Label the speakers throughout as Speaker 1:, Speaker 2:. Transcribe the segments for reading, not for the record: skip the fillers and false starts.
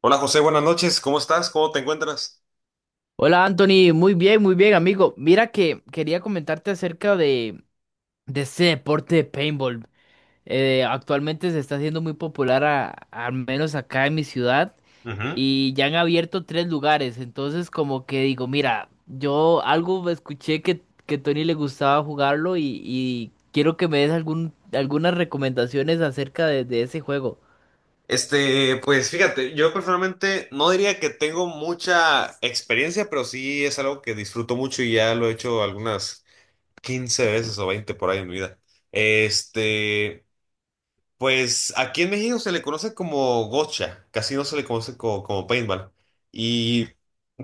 Speaker 1: Hola José, buenas noches, ¿cómo estás? ¿Cómo te encuentras?
Speaker 2: Hola Anthony, muy bien amigo. Mira que quería comentarte acerca de este deporte de paintball. Actualmente se está haciendo muy popular, al menos acá en mi ciudad,
Speaker 1: Ujú.
Speaker 2: y ya han abierto tres lugares. Entonces como que digo, mira, yo algo escuché que Tony le gustaba jugarlo y quiero que me des algunas recomendaciones acerca de ese juego.
Speaker 1: Pues fíjate, yo personalmente no diría que tengo mucha experiencia, pero sí es algo que disfruto mucho y ya lo he hecho algunas 15 veces o 20 por ahí en mi vida. Este, pues aquí en México se le conoce como gocha, casi no se le conoce como, paintball. Y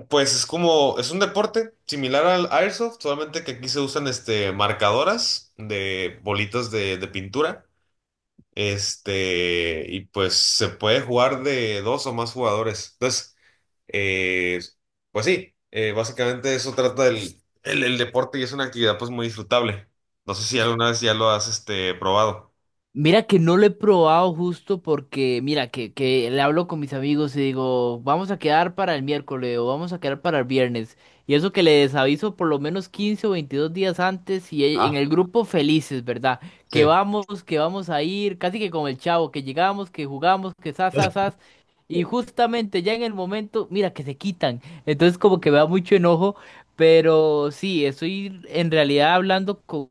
Speaker 1: pues es un deporte similar al airsoft, solamente que aquí se usan marcadoras de bolitas de pintura. Y pues se puede jugar de dos o más jugadores. Entonces, eh, pues sí, básicamente eso trata el deporte y es una actividad pues muy disfrutable. No sé si alguna vez ya lo has probado.
Speaker 2: Mira que no lo he probado justo porque, mira, que le hablo con mis amigos y digo, vamos a quedar para el miércoles o vamos a quedar para el viernes. Y eso que les aviso por lo menos 15 o 22 días antes y en
Speaker 1: Ah,
Speaker 2: el grupo felices, ¿verdad? Que
Speaker 1: sí.
Speaker 2: vamos, que vamos a ir, casi que con el chavo, que llegamos, que jugamos, que sas, sas, sas. Y justamente ya en el momento, mira, que se quitan. Entonces como que me da mucho enojo, pero sí, estoy en realidad hablando con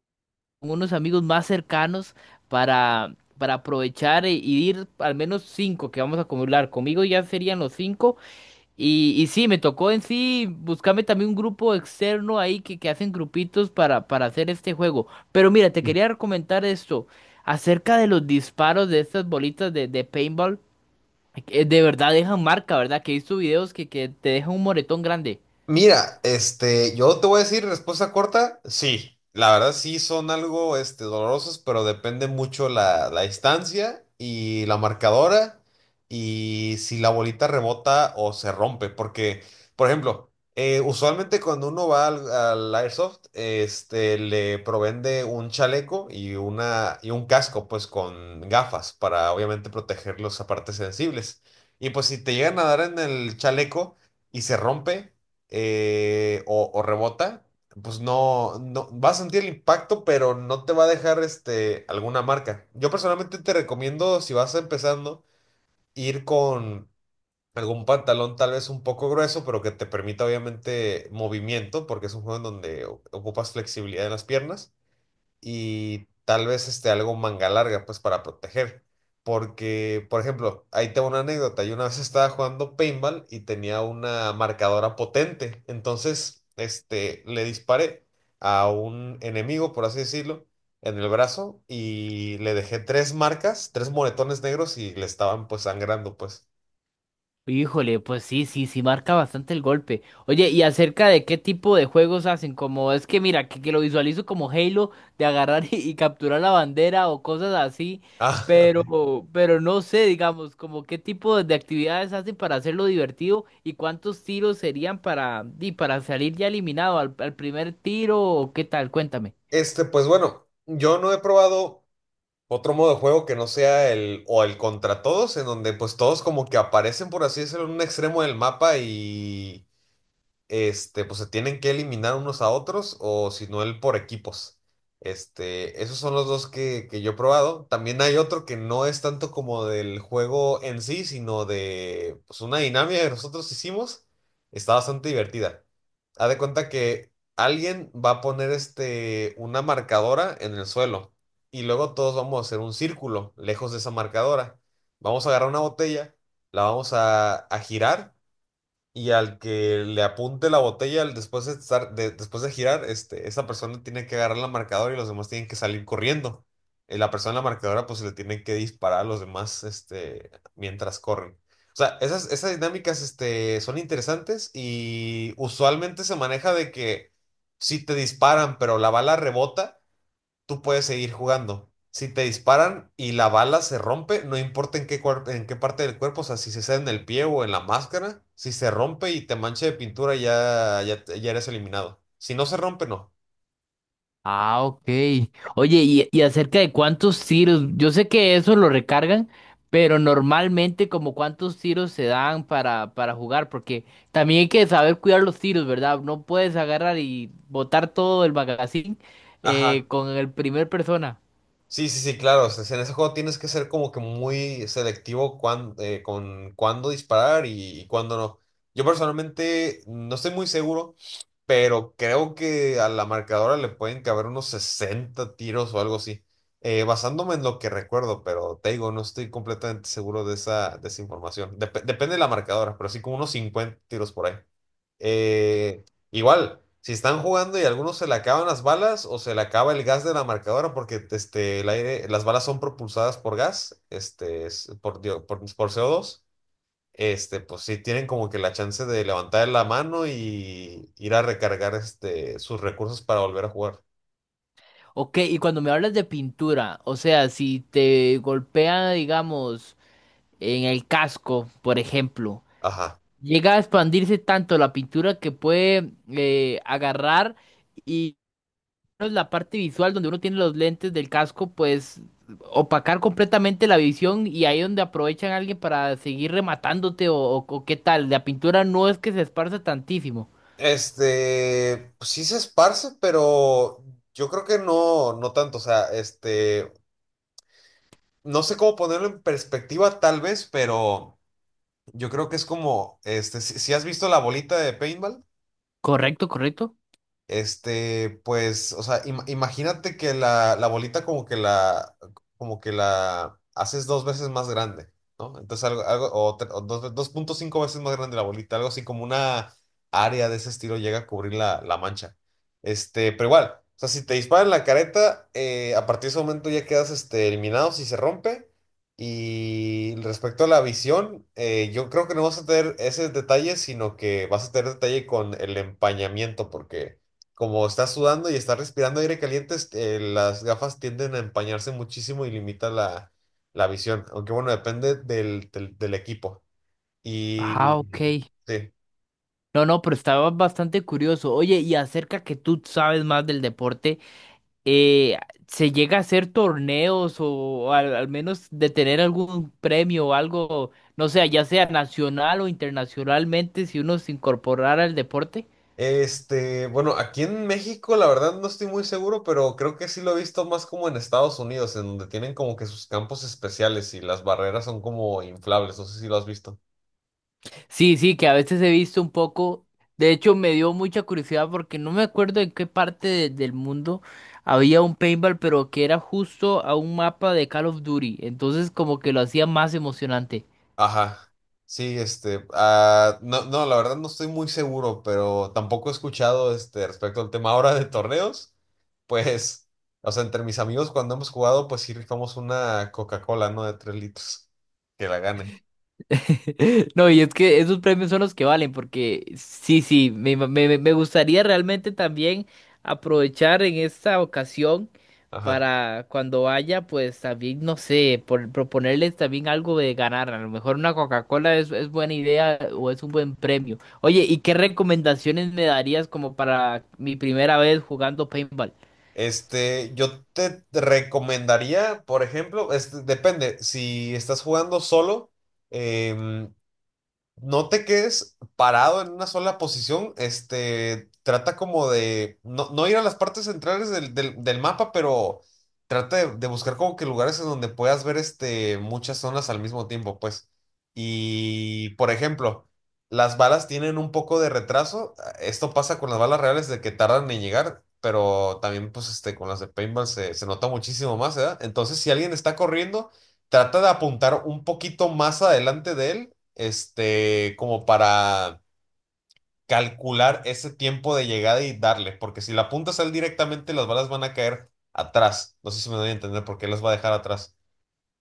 Speaker 2: con unos amigos más cercanos para aprovechar y ir al menos cinco que vamos a acumular. Conmigo ya serían los cinco. Y sí, me tocó en sí buscarme también un grupo externo ahí que hacen grupitos para hacer este juego. Pero mira, te quería comentar esto acerca de los disparos de estas bolitas de paintball, que de verdad dejan marca, ¿verdad? Que he visto videos que te dejan un moretón grande.
Speaker 1: Mira, yo te voy a decir respuesta corta, sí, la verdad sí son algo, dolorosos, pero depende mucho la distancia y la marcadora y si la bolita rebota o se rompe, porque, por ejemplo, usualmente cuando uno va al Airsoft, le proveen de un chaleco y y un casco, pues, con gafas para, obviamente, proteger las partes sensibles. Y pues si te llegan a dar en el chaleco y se rompe o rebota, pues no, no vas a sentir el impacto, pero no te va a dejar alguna marca. Yo personalmente te recomiendo, si vas empezando, ir con algún pantalón tal vez un poco grueso, pero que te permita obviamente movimiento, porque es un juego en donde ocupas flexibilidad en las piernas y tal vez algo manga larga, pues para proteger. Porque, por ejemplo, ahí tengo una anécdota. Yo una vez estaba jugando paintball y tenía una marcadora potente. Entonces, le disparé a un enemigo, por así decirlo, en el brazo y le dejé tres marcas, tres moretones negros y le estaban pues sangrando, pues.
Speaker 2: Híjole, pues sí, sí, sí marca bastante el golpe. Oye, ¿y acerca de qué tipo de juegos hacen? Como es que mira, que lo visualizo como Halo, de agarrar y capturar la bandera o cosas así,
Speaker 1: Ah, ok.
Speaker 2: pero, pero no sé, digamos, como qué tipo de actividades hacen para hacerlo divertido y cuántos tiros serían y para salir ya eliminado al primer tiro o qué tal, cuéntame.
Speaker 1: Pues bueno, yo no he probado otro modo de juego que no sea el o el contra todos, en donde pues todos como que aparecen, por así decirlo, en un extremo del mapa y pues se tienen que eliminar unos a otros o si no, el por equipos. Esos son los dos que yo he probado. También hay otro que no es tanto como del juego en sí, sino de pues, una dinámica que nosotros hicimos. Está bastante divertida. Haz de cuenta que alguien va a poner una marcadora en el suelo y luego todos vamos a hacer un círculo lejos de esa marcadora. Vamos a agarrar una botella, la vamos a girar y al que le apunte la botella después de estar, después de girar, esa persona tiene que agarrar la marcadora y los demás tienen que salir corriendo. La persona en la marcadora pues le tiene que disparar a los demás mientras corren. O sea, esas dinámicas son interesantes y usualmente se maneja de que si te disparan, pero la bala rebota, tú puedes seguir jugando. Si te disparan y la bala se rompe, no importa en qué parte del cuerpo, o sea, si se sale en el pie o en la máscara, si se rompe y te mancha de pintura, ya, ya, ya eres eliminado. Si no se rompe, no.
Speaker 2: Ah, ok. Oye, y acerca de cuántos tiros, yo sé que eso lo recargan, pero normalmente como cuántos tiros se dan para jugar, porque también hay que saber cuidar los tiros, ¿verdad? No puedes agarrar y botar todo el magazine
Speaker 1: Ajá,
Speaker 2: con el primer persona.
Speaker 1: sí, sí, sí, claro. O sea, en ese juego tienes que ser como que muy selectivo con cuándo disparar y cuándo no. Yo personalmente no estoy muy seguro, pero creo que a la marcadora le pueden caber unos 60 tiros o algo así. Basándome en lo que recuerdo, pero te digo, no estoy completamente seguro de esa información. Depende de la marcadora, pero sí como unos 50 tiros por ahí. Eh, Igual, si están jugando y a algunos se le acaban las balas o se le acaba el gas de la marcadora porque el aire, las balas son propulsadas por gas, por co dos, pues sí tienen como que la chance de levantar la mano y ir a recargar sus recursos para volver a jugar.
Speaker 2: Ok, y cuando me hablas de pintura, o sea, si te golpea, digamos, en el casco, por ejemplo,
Speaker 1: Ajá.
Speaker 2: llega a expandirse tanto la pintura que puede, agarrar menos la parte visual donde uno tiene los lentes del casco, pues opacar completamente la visión y ahí donde aprovechan a alguien para seguir rematándote o qué tal. La pintura no es que se esparza tantísimo.
Speaker 1: Pues sí se esparce, pero yo creo que no, no tanto. O sea, no sé cómo ponerlo en perspectiva tal vez, pero... Yo creo que es como, si has visto la bolita de paintball,
Speaker 2: Correcto, correcto.
Speaker 1: pues, o sea, imagínate que la bolita como que la, haces dos veces más grande, ¿no? Entonces o, tre- o dos- 2.5 veces más grande la bolita, algo así como una área de ese estilo llega a cubrir la mancha. Pero igual, o sea, si te disparan en la careta, a partir de ese momento ya quedas, eliminado si se rompe. Y respecto a la visión, yo creo que no vas a tener ese detalle, sino que vas a tener detalle con el empañamiento, porque como estás sudando y estás respirando aire caliente, las gafas tienden a empañarse muchísimo y limita la visión. Aunque bueno, depende del equipo.
Speaker 2: Ah,
Speaker 1: Y
Speaker 2: ok.
Speaker 1: sí.
Speaker 2: No, no, pero estaba bastante curioso. Oye, y acerca que tú sabes más del deporte, eh, ¿se llega a hacer torneos o, al menos de tener algún premio o algo, no sé, ya sea nacional o internacionalmente, si uno se incorporara al deporte?
Speaker 1: Bueno, aquí en México, la verdad no estoy muy seguro, pero creo que sí lo he visto más como en Estados Unidos, en donde tienen como que sus campos especiales y las barreras son como inflables. No sé si lo has visto.
Speaker 2: Sí, sí, que a veces he visto un poco. De hecho, me dio mucha curiosidad porque no me acuerdo en qué parte del mundo había un paintball, pero que era justo a un mapa de Call of Duty. Entonces, como que lo hacía más emocionante.
Speaker 1: Ajá. Sí, ah, no, no, la verdad no estoy muy seguro, pero tampoco he escuchado respecto al tema ahora de torneos. Pues, o sea, entre mis amigos cuando hemos jugado, pues sí rifamos una Coca-Cola, ¿no? De 3 litros. Que la gane.
Speaker 2: No, y es que esos premios son los que valen, porque sí, sí, me, ima- me- me- me gustaría realmente también aprovechar en esta ocasión
Speaker 1: Ajá.
Speaker 2: para cuando vaya, pues también, no sé, proponerles también algo de ganar. A lo mejor una Coca-Cola es buena idea o es un buen premio. Oye, ¿y qué recomendaciones me darías como para mi primera vez jugando paintball?
Speaker 1: Yo te recomendaría, por ejemplo, depende, si estás jugando solo, em, no te quedes parado en una sola posición, trata como de no, no ir a las partes centrales del mapa, pero trata de buscar como que lugares en donde puedas ver muchas zonas al mismo tiempo, pues. Y, por ejemplo, las balas tienen un poco de retraso, esto pasa con las balas reales de que tardan en llegar, pero también pues con las de paintball se nota muchísimo más, ¿verdad? Entonces, si alguien está corriendo, trata de apuntar un poquito más adelante de él, como para calcular ese tiempo de llegada y darle, porque si la apuntas a él directamente, las balas van a caer atrás. No sé si me doy a entender por qué las va a dejar atrás.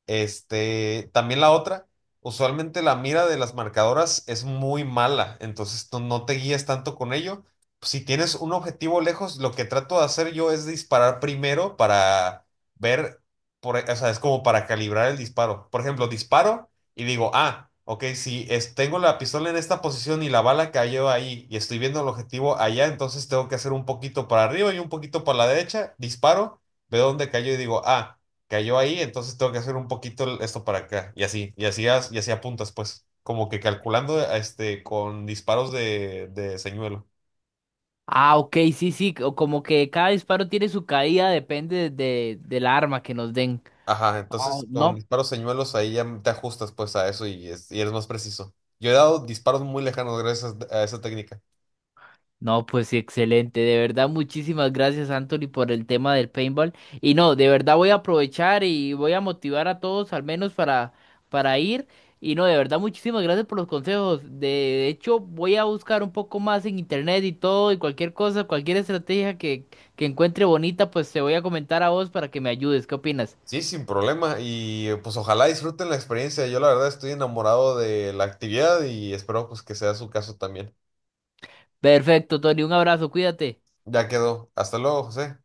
Speaker 1: También la otra, usualmente la mira de las marcadoras es muy mala, entonces no, no te guíes tanto con ello. Si tienes un objetivo lejos, lo que trato de hacer yo es disparar primero para ver, o sea, es como para calibrar el disparo. Por ejemplo, disparo y digo, ah, ok, si es- tengo la pistola en esta posición y la bala cayó ahí y estoy viendo el objetivo allá, entonces tengo que hacer un poquito para arriba y un poquito para la derecha, disparo, veo dónde cayó y digo, ah, cayó ahí, entonces tengo que hacer un poquito esto para acá, y así, y así, y así apuntas, pues, como que calculando con disparos de señuelo.
Speaker 2: Ah, ok, sí, sí, o como que cada disparo tiene su caída, depende del arma que nos den.
Speaker 1: Ajá, entonces
Speaker 2: Oh,
Speaker 1: con
Speaker 2: no,
Speaker 1: disparos señuelos ahí ya te ajustas pues a eso y eres más preciso. Yo he dado disparos muy lejanos gracias a esa técnica.
Speaker 2: no, pues sí, excelente. De verdad, muchísimas gracias, Anthony, por el tema del paintball. Y no, de verdad voy a aprovechar y voy a motivar a todos, al menos para, ir. Y no, de verdad, muchísimas gracias por los consejos. De hecho, voy a buscar un poco más en internet y todo, y cualquier cosa, cualquier estrategia que encuentre bonita, pues te voy a comentar a vos para que me ayudes. ¿Qué opinas?
Speaker 1: Sí, sin problema, y pues ojalá disfruten la experiencia. Yo la verdad estoy enamorado de la actividad y espero pues que sea su caso también.
Speaker 2: Perfecto, Tony, un abrazo, cuídate.
Speaker 1: Ya quedó. Hasta luego, José.